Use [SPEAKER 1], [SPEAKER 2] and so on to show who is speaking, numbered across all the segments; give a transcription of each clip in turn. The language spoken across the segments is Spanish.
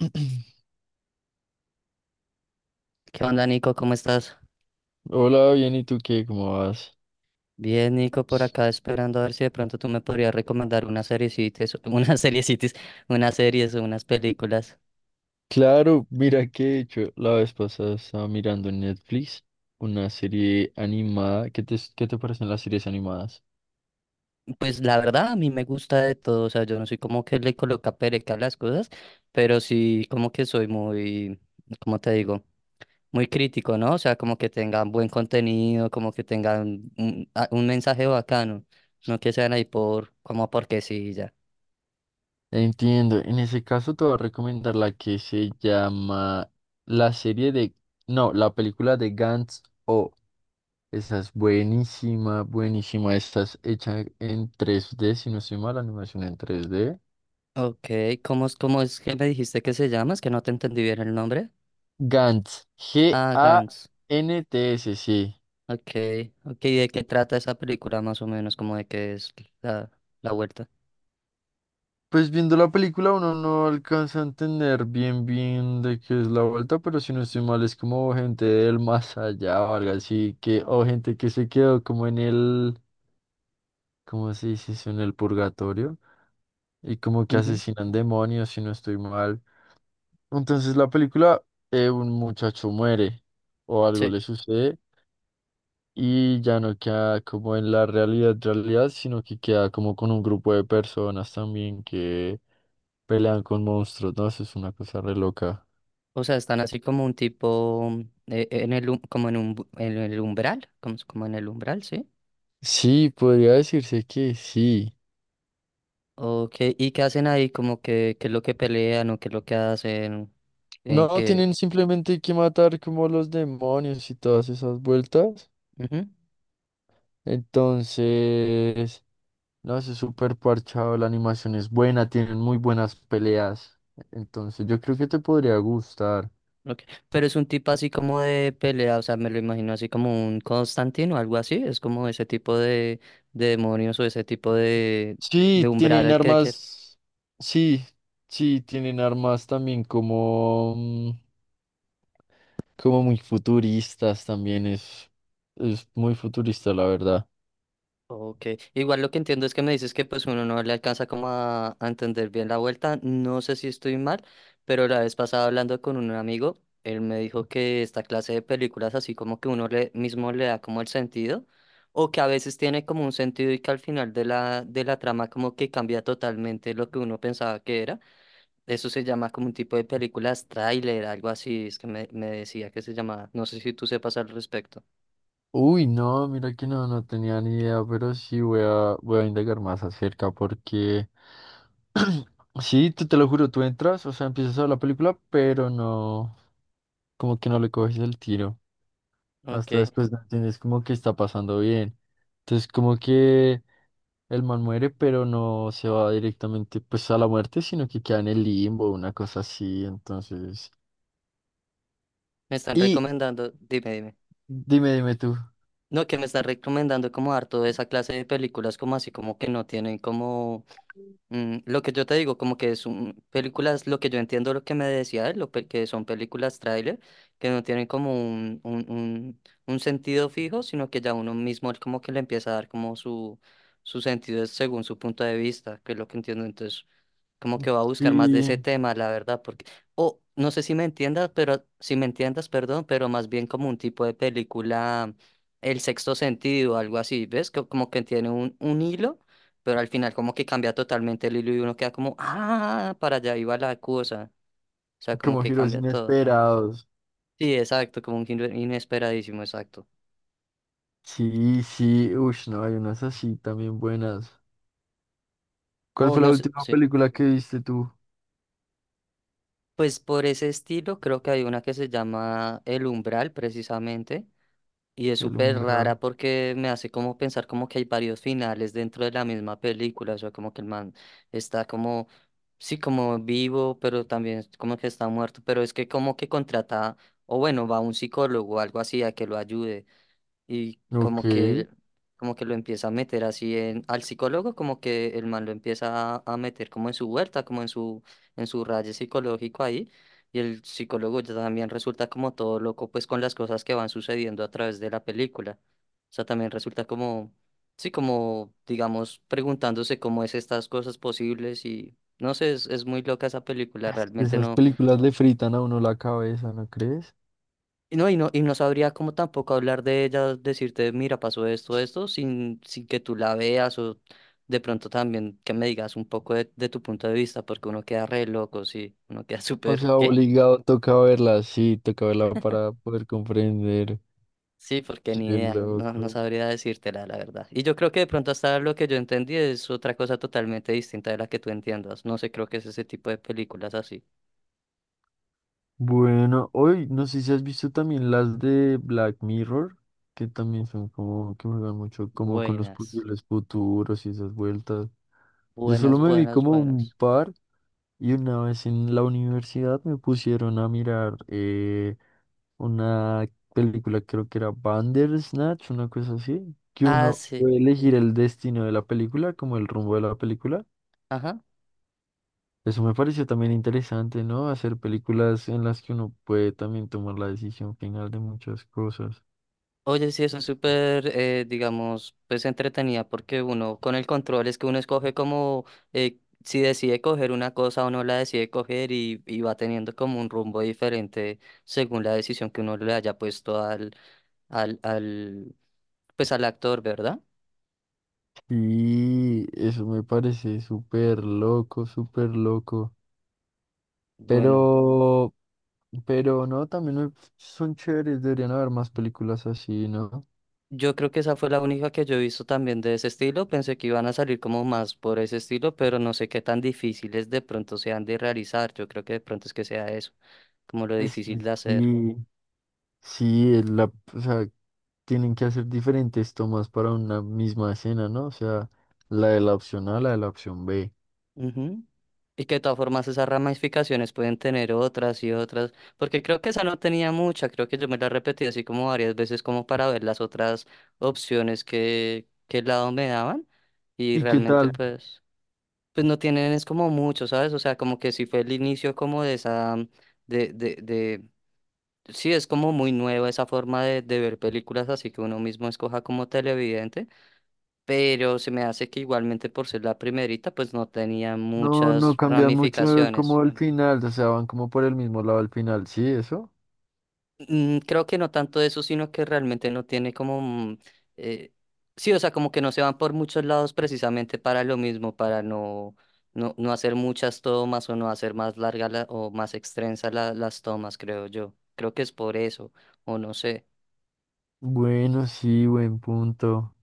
[SPEAKER 1] ¿Qué onda, Nico? ¿Cómo estás?
[SPEAKER 2] Hola, bien, ¿y tú qué? ¿Cómo vas?
[SPEAKER 1] Bien, Nico, por acá esperando a ver si de pronto tú me podrías recomendar unas seriecitas, unas series o unas películas.
[SPEAKER 2] Claro, mira que de hecho la vez pasada estaba mirando en Netflix una serie animada. ¿Qué te parecen las series animadas?
[SPEAKER 1] Pues la verdad, a mí me gusta de todo, o sea, yo no soy como que le coloca pereca a las cosas, pero sí como que soy muy, ¿cómo te digo? Muy crítico, ¿no? O sea, como que tengan buen contenido, como que tengan un mensaje bacano, no que sean ahí por, como porque sí, y ya.
[SPEAKER 2] Entiendo, en ese caso te voy a recomendar la que se llama la serie de... No, la película de Gantz O. Esa es buenísima, buenísima. Esta es hecha en 3D si no estoy mal, la animación en 3D.
[SPEAKER 1] Ok, ¿cómo es que me dijiste que se llama? Es que no te entendí bien el nombre.
[SPEAKER 2] Gantz,
[SPEAKER 1] Ah, Gantz.
[SPEAKER 2] Gants, sí.
[SPEAKER 1] Ok, ok. ¿De qué trata esa película más o menos? Como de qué es la, la vuelta.
[SPEAKER 2] Pues viendo la película uno no alcanza a entender bien bien de qué es la vuelta, pero si no estoy mal es como gente del más allá o algo así que, o gente que se quedó como en el, ¿cómo se dice eso? En el purgatorio, y como que
[SPEAKER 1] Ujú,
[SPEAKER 2] asesinan demonios si no estoy mal. Entonces la película, un muchacho muere o algo
[SPEAKER 1] sí.
[SPEAKER 2] le sucede, y ya no queda como en la realidad realidad, sino que queda como con un grupo de personas también que pelean con monstruos. No, eso es una cosa re loca.
[SPEAKER 1] O sea, están así como un tipo en el umbral, como en el umbral, ¿sí?
[SPEAKER 2] Sí, podría decirse que sí.
[SPEAKER 1] Ok, ¿y qué hacen ahí? Como que, qué es lo que pelean o qué es lo que hacen, en
[SPEAKER 2] No,
[SPEAKER 1] qué.
[SPEAKER 2] tienen simplemente que matar como los demonios y todas esas vueltas.
[SPEAKER 1] Ujú,
[SPEAKER 2] Entonces no, eso es súper parchado, la animación es buena, tienen muy buenas peleas. Entonces, yo creo que te podría gustar.
[SPEAKER 1] ok. Pero es un tipo así como de pelea, o sea, me lo imagino así como un Constantino o algo así, es como ese tipo de demonios o ese tipo de
[SPEAKER 2] Sí,
[SPEAKER 1] umbral
[SPEAKER 2] tienen
[SPEAKER 1] al que quieras.
[SPEAKER 2] armas, sí, sí, tienen armas también como... como muy futuristas también, es muy futurista, la verdad.
[SPEAKER 1] Ok, igual lo que entiendo es que me dices que pues uno no le alcanza como a entender bien la vuelta, no sé si estoy mal, pero la vez pasada hablando con un amigo, él me dijo que esta clase de películas así como que uno le, mismo le da como el sentido, o que a veces tiene como un sentido y que al final de la trama como que cambia totalmente lo que uno pensaba que era, eso se llama como un tipo de películas tráiler, algo así, es que me decía que se llamaba, no sé si tú sepas al respecto.
[SPEAKER 2] Uy, no, mira que no, no tenía ni idea, pero sí voy a indagar más acerca, porque sí, tú, te lo juro, tú entras, o sea, empiezas a ver la película, pero no, como que no le coges el tiro.
[SPEAKER 1] Ok,
[SPEAKER 2] Hasta después no entiendes como que está pasando bien. Entonces, como que el man muere, pero no se va directamente pues a la muerte, sino que queda en el limbo, una cosa así, entonces.
[SPEAKER 1] me están recomendando, dime, dime.
[SPEAKER 2] Dime, dime tú.
[SPEAKER 1] No, que me estás recomendando como dar toda esa clase de películas como así como que no tienen como lo que yo te digo, como que son películas, lo que yo entiendo lo que me decía él, que son películas tráiler, que no tienen como un sentido fijo, sino que ya uno mismo como que le empieza a dar como su sentido es según su punto de vista, que es lo que entiendo entonces como que va a buscar más de ese
[SPEAKER 2] Sí,
[SPEAKER 1] tema, la verdad, porque, o no sé si me entiendas, pero si me entiendas, perdón, pero más bien como un tipo de película, El Sexto Sentido, algo así, ¿ves? Como que tiene un hilo, pero al final como que cambia totalmente el hilo y uno queda como, ah, para allá iba la cosa, o sea, como
[SPEAKER 2] como
[SPEAKER 1] que
[SPEAKER 2] giros
[SPEAKER 1] cambia todo.
[SPEAKER 2] inesperados.
[SPEAKER 1] Sí, exacto, como un giro inesperadísimo, exacto.
[SPEAKER 2] Sí, sí, uff, no, hay unas así también buenas. ¿Cuál
[SPEAKER 1] O
[SPEAKER 2] fue la
[SPEAKER 1] no sé,
[SPEAKER 2] última
[SPEAKER 1] sí.
[SPEAKER 2] película que viste tú?
[SPEAKER 1] Pues por ese estilo creo que hay una que se llama El Umbral, precisamente. Y es
[SPEAKER 2] El
[SPEAKER 1] súper
[SPEAKER 2] umbral.
[SPEAKER 1] rara porque me hace como pensar como que hay varios finales dentro de la misma película, o sea, como que el man está como, sí, como vivo, pero también como que está muerto, pero es que como que contrata, o bueno, va a un psicólogo o algo así a que lo ayude y
[SPEAKER 2] Ok.
[SPEAKER 1] como que lo empieza a meter así en, al psicólogo, como que el man lo empieza a meter como en su huerta, como en su rayo psicológico ahí, y el psicólogo ya también resulta como todo loco, pues con las cosas que van sucediendo a través de la película. O sea, también resulta como, sí, como, digamos, preguntándose cómo es estas cosas posibles y, no sé, es, muy loca esa película,
[SPEAKER 2] Es que
[SPEAKER 1] realmente
[SPEAKER 2] esas
[SPEAKER 1] no.
[SPEAKER 2] películas le fritan a uno la cabeza, ¿no crees?
[SPEAKER 1] Y no sabría cómo tampoco hablar de ella, decirte, mira, pasó esto, esto, sin que tú la veas o de pronto también que me digas un poco de tu punto de vista, porque uno queda re loco, sí, uno queda
[SPEAKER 2] O
[SPEAKER 1] súper,
[SPEAKER 2] sea,
[SPEAKER 1] ¿qué?
[SPEAKER 2] obligado toca verlas, sí, toca verla para poder comprender.
[SPEAKER 1] Sí, porque
[SPEAKER 2] Qué
[SPEAKER 1] ni idea, no, no
[SPEAKER 2] loco.
[SPEAKER 1] sabría decírtela, la verdad. Y yo creo que de pronto hasta lo que yo entendí es otra cosa totalmente distinta de la que tú entiendas. No sé, creo que es ese tipo de películas así.
[SPEAKER 2] Bueno, hoy no sé si has visto también las de Black Mirror, que también son como que juegan mucho como con los
[SPEAKER 1] Buenas,
[SPEAKER 2] posibles futuros y esas vueltas. Yo solo
[SPEAKER 1] buenas,
[SPEAKER 2] me vi
[SPEAKER 1] buenas,
[SPEAKER 2] como un
[SPEAKER 1] buenas.
[SPEAKER 2] par, y una vez en la universidad me pusieron a mirar una película, creo que era Bandersnatch, una cosa así, que
[SPEAKER 1] Ah,
[SPEAKER 2] uno
[SPEAKER 1] sí,
[SPEAKER 2] puede elegir el destino de la película, como el rumbo de la película.
[SPEAKER 1] ajá.
[SPEAKER 2] Eso me pareció también interesante, ¿no? Hacer películas en las que uno puede también tomar la decisión final de muchas cosas.
[SPEAKER 1] Oye, sí, eso es súper, digamos, pues entretenida porque uno con el control es que uno escoge como eh, si decide coger una cosa o no la decide coger y, va teniendo como un rumbo diferente según la decisión que uno le haya puesto al, al, pues al actor, ¿verdad?
[SPEAKER 2] Sí, eso me parece súper loco, súper loco.
[SPEAKER 1] Bueno,
[SPEAKER 2] Pero, pero no, también son chéveres, deberían haber más películas así, ¿no?
[SPEAKER 1] yo creo que esa fue la única que yo he visto también de ese estilo. Pensé que iban a salir como más por ese estilo, pero no sé qué tan difíciles de pronto sean de realizar. Yo creo que de pronto es que sea eso, como lo
[SPEAKER 2] Es
[SPEAKER 1] difícil
[SPEAKER 2] que
[SPEAKER 1] de hacer.
[SPEAKER 2] sí, sí, o sea, tienen que hacer diferentes tomas para una misma escena, ¿no? O sea, la de la opción A, la de la opción B.
[SPEAKER 1] Ujú. Y que de todas formas esas ramificaciones pueden tener otras y otras, porque creo que esa no tenía mucha, creo que yo me la repetí así como varias veces como para ver las otras opciones que el lado me daban y
[SPEAKER 2] ¿Y qué
[SPEAKER 1] realmente
[SPEAKER 2] tal?
[SPEAKER 1] pues no tienen es como mucho, ¿sabes? O sea, como que sí fue el inicio como de esa, de, de, de, sí es como muy nueva esa forma de ver películas así que uno mismo escoja como televidente, pero se me hace que igualmente por ser la primerita pues no tenía
[SPEAKER 2] No, no
[SPEAKER 1] muchas
[SPEAKER 2] cambian mucho como
[SPEAKER 1] ramificaciones.
[SPEAKER 2] al final, o sea, van como por el mismo lado al final, ¿sí? ¿Eso?
[SPEAKER 1] Creo que no tanto eso, sino que realmente no tiene comoeh, sí, o sea, como que no se van por muchos lados precisamente para lo mismo, para no hacer muchas tomas o no hacer más largas o más extensas las tomas, creo yo. Creo que es por eso, o no sé.
[SPEAKER 2] Bueno, sí, buen punto.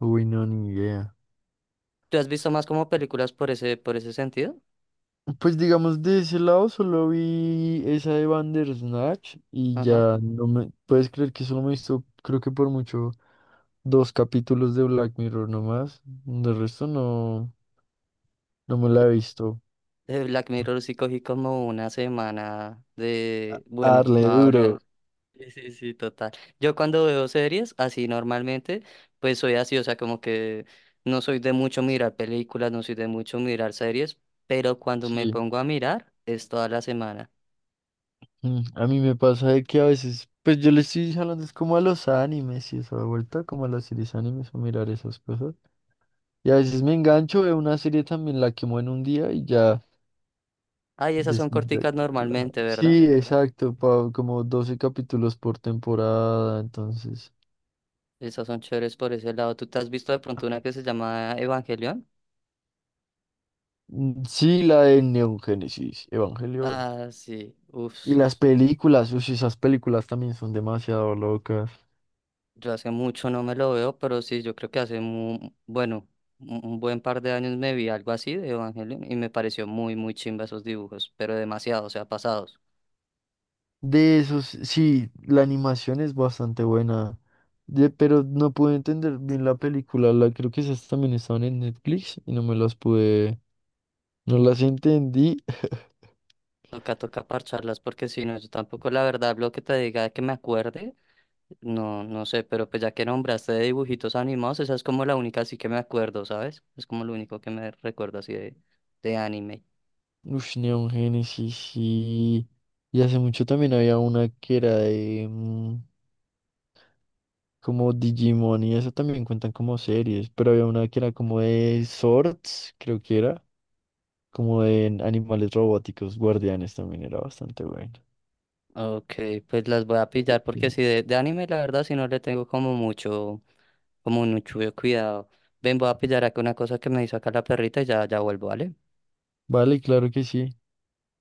[SPEAKER 2] Uy, no, ni idea.
[SPEAKER 1] ¿Tú has visto más como películas por ese sentido?
[SPEAKER 2] Pues digamos, de ese lado solo vi esa de Bandersnatch y
[SPEAKER 1] Ajá.
[SPEAKER 2] ya no me... Puedes creer que solo me he visto, creo que por mucho, dos capítulos de Black Mirror nomás. De resto no, no me la he visto.
[SPEAKER 1] De Black Mirror sí cogí como una semana
[SPEAKER 2] A
[SPEAKER 1] de. Bueno,
[SPEAKER 2] darle
[SPEAKER 1] no voy.
[SPEAKER 2] duro.
[SPEAKER 1] Sí, sí, sí, total. Yo cuando veo series, así normalmente, pues soy así, o sea, como que no soy de mucho mirar películas, no soy de mucho mirar series, pero cuando me
[SPEAKER 2] Sí.
[SPEAKER 1] pongo a mirar es toda la semana.
[SPEAKER 2] A mí me pasa de que a veces, pues yo le estoy hablando es como a los animes y esa vuelta, como a las series animes o mirar esas cosas. Y a veces me engancho, veo una serie también, la quemo en un día y ya.
[SPEAKER 1] Ay, esas
[SPEAKER 2] des-
[SPEAKER 1] son
[SPEAKER 2] ya-
[SPEAKER 1] corticas normalmente, ¿verdad?
[SPEAKER 2] Sí, exacto, como 12 capítulos por temporada, entonces.
[SPEAKER 1] Esas son chéveres por ese lado. ¿Tú te has visto de pronto una que se llama Evangelion?
[SPEAKER 2] Sí, la de Neon Genesis Evangelion.
[SPEAKER 1] Ah, sí,
[SPEAKER 2] Y
[SPEAKER 1] uff.
[SPEAKER 2] las películas, uy, esas películas también son demasiado locas.
[SPEAKER 1] Yo hace mucho no me lo veo, pero sí, yo creo que hace muy, bueno, un buen par de años me vi algo así de Evangelion y me pareció muy, muy chimba esos dibujos, pero demasiado, o sea, pasados.
[SPEAKER 2] De esos, sí, la animación es bastante buena, de, pero no pude entender bien la película, la creo que esas también estaban en Netflix y no me las pude, no las entendí.
[SPEAKER 1] Toca, toca parcharlas porque si no, yo tampoco la verdad lo que te diga que me acuerde, no, no sé, pero pues ya que nombraste de dibujitos animados, esa es como la única así que me acuerdo, ¿sabes? Es como lo único que me recuerdo así de anime.
[SPEAKER 2] Ush, Neon Genesis, sí, y hace mucho también había una que era de como Digimon, y eso también cuentan como series, pero había una que era como de Swords, creo que era, como de animales robóticos, guardianes, también era bastante bueno.
[SPEAKER 1] Ok, pues las voy a pillar porque
[SPEAKER 2] Sí.
[SPEAKER 1] si de anime la verdad si no le tengo como mucho cuidado. Ven, voy a pillar acá una cosa que me hizo acá la perrita y ya, ya vuelvo, ¿vale?
[SPEAKER 2] Vale, claro que sí.